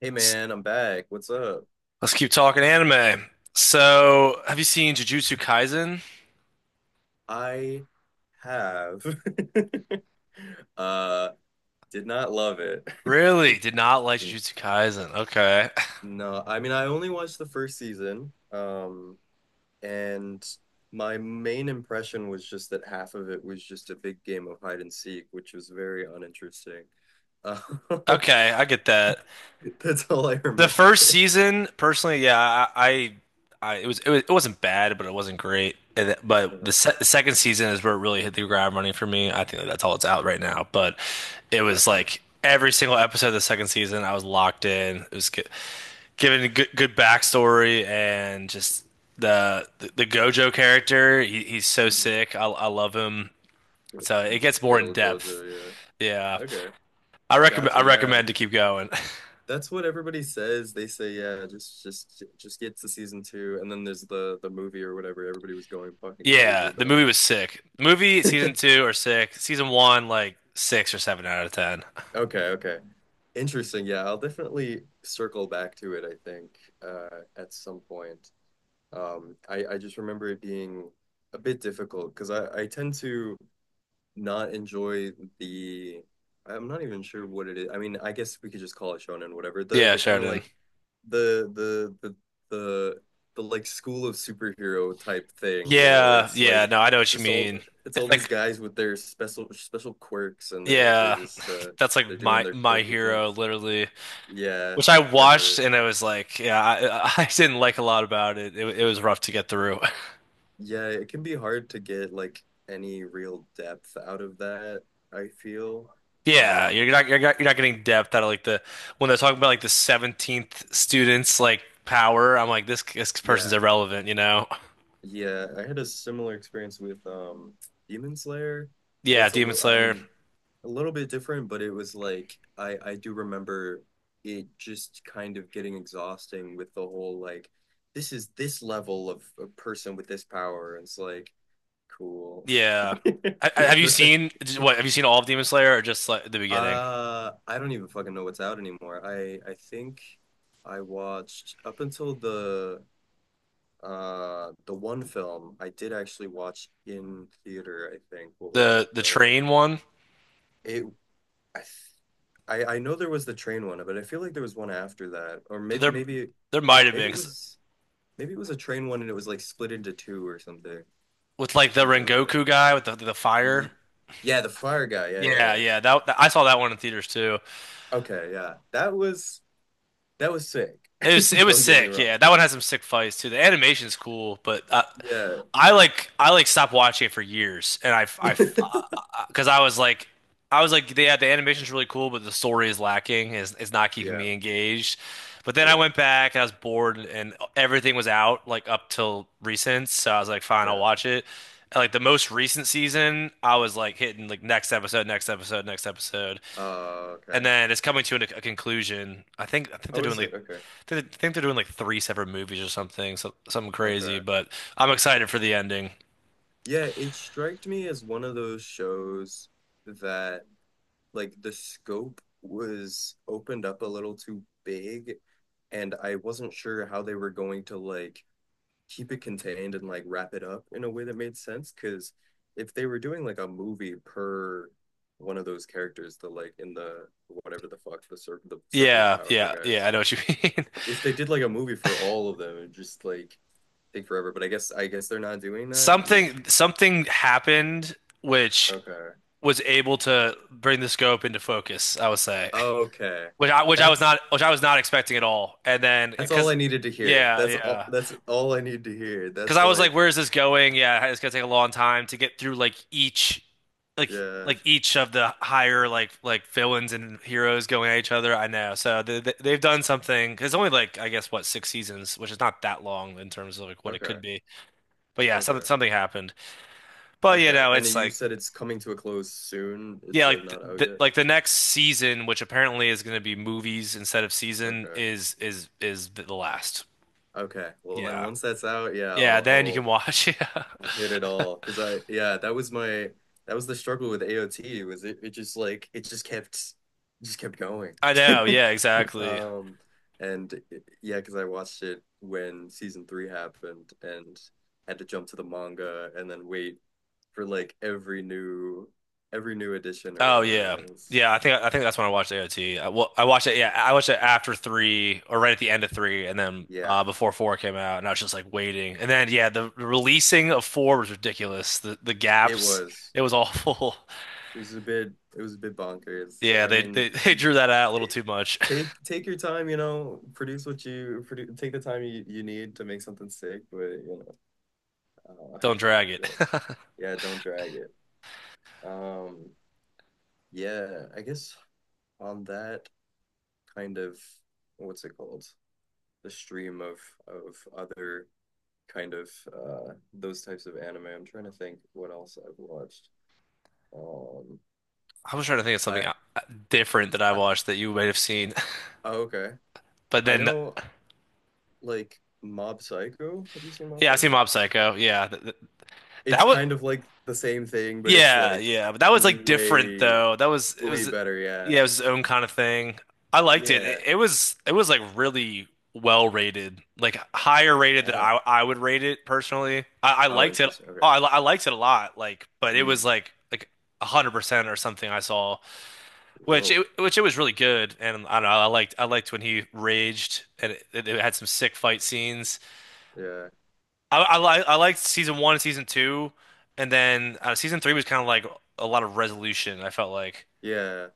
Hey S- man, I'm back. What's up? Let's keep talking anime. So, have you seen Jujutsu Kaisen? I have uh did not love it. Really? Did not like Jujutsu Kaisen. Okay. No, I mean I only watched the first season. And my main impression was just that half of it was just a big game of hide and seek, which was very uninteresting. Uh, Okay, I get that. that's all I The remember. first season, personally, yeah, I it was, it wasn't bad, but it wasn't great. But Uh-huh. The second season is where it really hit the ground running for me. I think that's all it's out right now. But it was Okay. like every single episode of the second season, I was locked in. It was good. Given a good backstory and just the Gojo character. He's so Mhm. sick. I love him. So it gets more Good in old Gojo, depth. yeah. Yeah, Okay. I recommend I Gotcha, yeah. recommend to keep going. That's what everybody says. They say, yeah, just get to season two, and then there's the movie or whatever everybody was going fucking crazy Yeah, the movie about. was sick. Movie season two or six. Season one like six or seven out of ten. Okay, okay. Interesting. Yeah, I'll definitely circle back to it, I think, at some point. I just remember it being a bit difficult because I tend to not enjoy the I'm not even sure what it is. I mean, I guess we could just call it shonen, whatever. The Yeah, kind of Sheridan. like the the the the the like school of superhero type thing, you know, where Yeah, it's yeah. like No, I know it's what you just all mean. it's all It's these like guys with their special quirks and they're yeah, just that's they're like doing my their my quirky hero things. literally. Yeah, Which I quite watched literally. and it was like, yeah, I, I didn't like a lot about it. It was rough to get through. Yeah, it can be hard to get like any real depth out of that, I feel. Yeah, you're Um, not you're not you're not getting depth out of like the when they're talking about like the 17th students like power. I'm like this person's yeah. irrelevant, you know? Yeah, I had a similar experience with Demon Slayer. Yeah, It's a Demon little, I Slayer. mean, a little bit different, but it was like I do remember it just kind of getting exhausting with the whole like this is this level of a person with this power. And it's like cool. Yeah. Have you The- seen what? Have you seen all of Demon Slayer or just like the beginning? I don't even fucking know what's out anymore. I think I watched up until the one film I did actually watch in theater, I think. What was it? The The train one? it I I know there was the train one, but I feel like there was one after that. Or maybe There maybe there might have maybe been it 'cause was maybe it was a train one and it was like split into two or something. with like the Something like that. Rengoku guy with the fire. Ye- yeah, the fire guy. Yeah, yeah, Yeah, yeah. yeah. That I saw that one in theaters too. Okay, yeah. That was sick. It was it was Don't get me sick, wrong. yeah. That one has some sick fights too. The animation's cool, but Yeah. I like stopped watching it for years, and I because I was like yeah, the animation's really cool, but the story is lacking. Is not keeping Yeah, me engaged. But then I yeah, went back and I was bored, and everything was out like up till recent, so I was like, fine, I'll yeah. watch it. And, like the most recent season, I was like hitting like next episode, next episode, next episode, Okay. and then it's coming to a conclusion. I think they're Oh, doing is like it? Okay. I think they're doing like three separate movies or something, so, something crazy. Okay. But I'm excited for the ending. Yeah, it struck me as one of those shows that like the scope was opened up a little too big, and I wasn't sure how they were going to like keep it contained and like wrap it up in a way that made sense. Because if they were doing like a movie per one of those characters, the like in the whatever the fuck the circle of Yeah, powerful yeah, guys, yeah. I know what you mean. if they did like a movie for all of them, it'd just like take forever. But I guess they're not doing that. Which Something happened which okay. was able to bring the scope into focus. I would say, Okay. Which I was That's not which I was not expecting at all. And then that's all because I needed to hear. yeah, yeah. That's all I need to hear. Because That's I was like, like, where is this going? Yeah, it's gonna take a long time to get through like yeah. like each of the higher like villains and heroes going at each other. I know, so they've done something. It's only like I guess what six seasons, which is not that long in terms of like what it Okay. could be. But yeah, something Okay. something happened. But you Okay. know, And it's you like said it's coming to a close soon. It's yeah, like like not out yet. The next season, which apparently is gonna be movies instead of season, Okay. is the last. Okay. Well, then Yeah, once that's out, yeah, yeah. I'll Then you can I'll watch. Yeah, hit it all because I yeah that was my that was the struggle with AOT was it just like it just kept going I know. Yeah, exactly. um and yeah because I watched it when season three happened and had to jump to the manga and then wait for like every new edition or Oh whatever and yeah, it was yeah. I think that's when I watched AOT. I, well, I watched it. Yeah, I watched it after three or right at the end of three, and then yeah before four came out, and I was just like waiting. And then yeah, the, releasing of four was ridiculous. The it gaps, was it was awful. it was a bit it was a bit bonkers Yeah, I mean they, they drew that out a little too much. Take your time, you know, produce what you produ take the time you need to make something sick, but you know, Don't drag yeah, it. yeah, don't drag it. Um, yeah, I guess on that kind of what's it called? The stream of other kind of those types of anime. I'm trying to think what else I've watched. Um, I was trying to think of something I different that I I watched that you might have seen, oh, okay. but I then know like Mob Psycho. Have you seen Mob yeah, I've seen Psycho? Mob Psycho. Yeah, It's that was. kind of like the same thing, but it's Yeah, like yeah, but that was like different way, though. That was it way was better. Yeah. yeah, it was his own kind of thing. I liked it. It, Yeah. it was it was like really well rated, like higher rated than Yeah. I would rate it personally. I Oh, liked it. interesting. Okay. Oh, I liked it a lot. Like, but it Hmm. was like 100% or something I saw, which Whoa. it which it was really good. And I don't know. I liked when he raged, and it had some sick fight scenes. Yeah. I liked season one and season two, and then season three was kind of like a lot of resolution. I felt like, Yeah.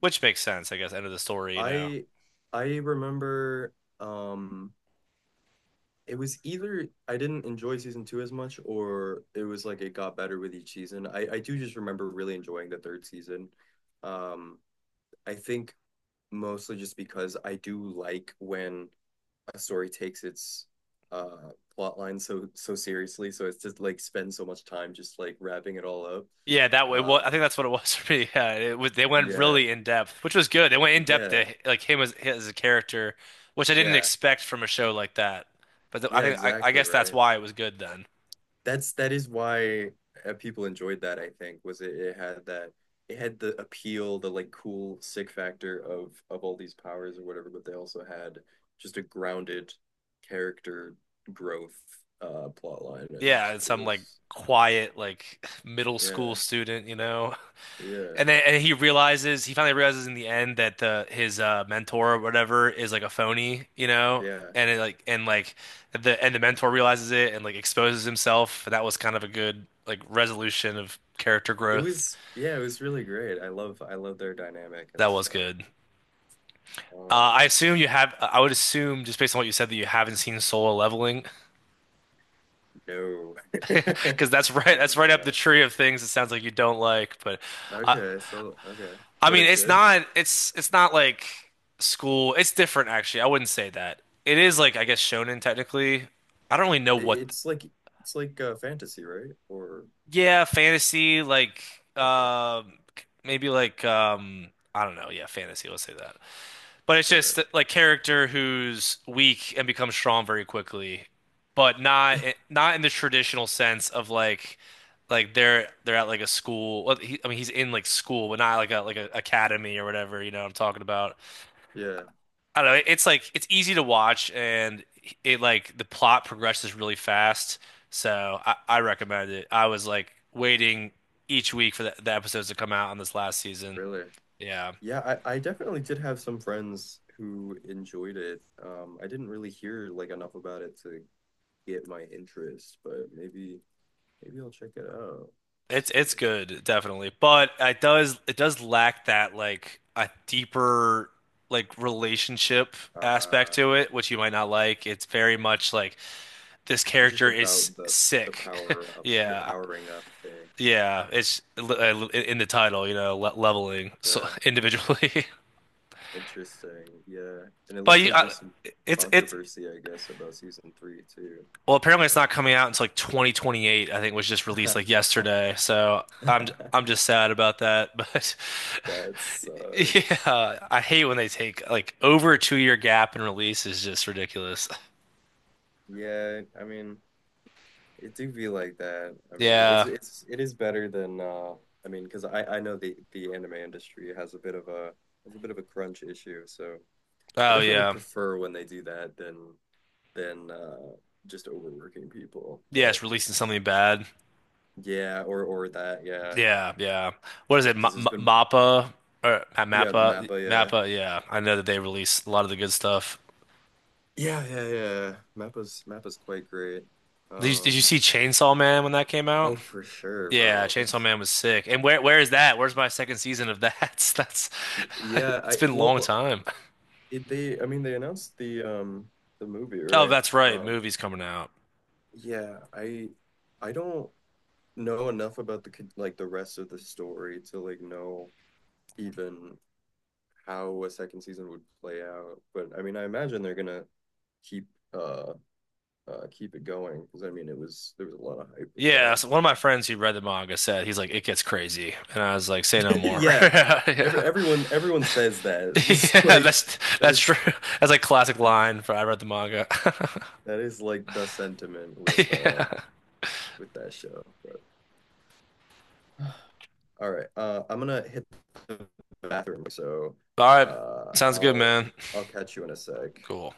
which makes sense, I guess, end of the story, you know. I I remember um it was either I didn't enjoy season two as much or it was like it got better with each season. I do just remember really enjoying the third season. Um I think mostly just because I do like when story takes its plot line so seriously so it's just like spend so much time just like wrapping it all Yeah, that up way. Well, um I think that's what it was for me. Yeah, it was, they went yeah really in depth, which was good. They went in depth yeah to like him as a character, which I didn't yeah expect from a show like that. But th I yeah think I exactly guess that's right why it was good then. That is why people enjoyed that I think was it had that it had the appeal the like cool sick factor of all these powers or whatever but they also had just a grounded character growth plot line and Yeah, and it some like was quiet like middle school yeah student, you know. yeah And then and he finally realizes in the end that the his mentor or whatever is like a phony, you know? yeah. And it like and like the and the mentor realizes it and like exposes himself. That was kind of a good like resolution of character It growth. was yeah, it was really great. I love their dynamic and That was stuff. good. Um, I would assume just based on what you said that you haven't seen Solo Leveling no, I because that's am right up the not. tree of things it sounds like you don't like, but I Okay, so okay, I but mean, it's good. It's not like school. It's different actually. I wouldn't say that. It is like I guess shonen technically. I don't really know It, what it's like it's like fantasy, right? Or yeah, fantasy like okay, um maybe like I don't know. Yeah, fantasy, let's say that. But it's okay, just like character who's weak and becomes strong very quickly, but not not in the traditional sense of like they're at like a school. Well, I mean, he's in like school, but not like a like a academy or whatever, you know what I'm talking about. yeah, I don't know. It's like it's easy to watch, and it like the plot progresses really fast. So I recommend it. I was like waiting each week for the episodes to come out on this last season. really. Yeah, Yeah, I definitely did have some friends who enjoyed it. I didn't really hear like enough about it to get my interest, but maybe I'll check it out. it's Let's see. it's good, definitely, but it does lack that like a deeper like relationship aspect Uh to it, which you might not like. It's very much like this It's just character is about the sick. power up, the Yeah. powering up thing. Yeah, it's in the title, you know, le leveling so The individually. interesting, yeah. And it But looks like there's some it's controversy, I guess, about season three too. well, apparently it's not coming out until like 2028, I think was just released like yesterday. So I'm just sad about that, but That sucks. yeah, I hate when they take like over a 2 year gap in release is just ridiculous. Yeah, I mean, it do be like that. I mean, Yeah. It is better than I mean, because I know the anime industry has a bit of a has a bit of a crunch issue, so I Oh definitely yeah. prefer when they do that than than just overworking people. Yeah, But it's releasing something bad. yeah, or that, yeah. Yeah, yeah. What is it? M Because M there's been Mappa or yeah, Mappa? Mappa, yeah. Mappa. Yeah, I know that they released a lot of the good stuff. Yeah, yeah, yeah. Mappa's quite great. Did you Um, see Chainsaw Man when that came out? oh for sure, Yeah, bro. If Chainsaw Man was sick. And where is that? Where's my second season of that? That's yeah, it's I been a long well time. it, they I mean they announced the movie, Oh, right? that's right. Um Movie's coming out. yeah, I don't know enough about the like the rest of the story to like know even how a second season would play out. But I mean I imagine they're gonna keep uh keep it going because I mean it was there was a lot of hype with that. Yeah, so one of my friends who read the manga said he's like, it gets crazy, and I was like, say no more. yeah, Yeah, yeah, everyone everyone says that. This is yeah. like That's that that's true. is That's like classic line for I read the manga. that is like the sentiment with that show. But, all right, I'm gonna hit the bathroom, so All right. uh, Sounds good, I'll man. I'll catch you in a sec. Cool.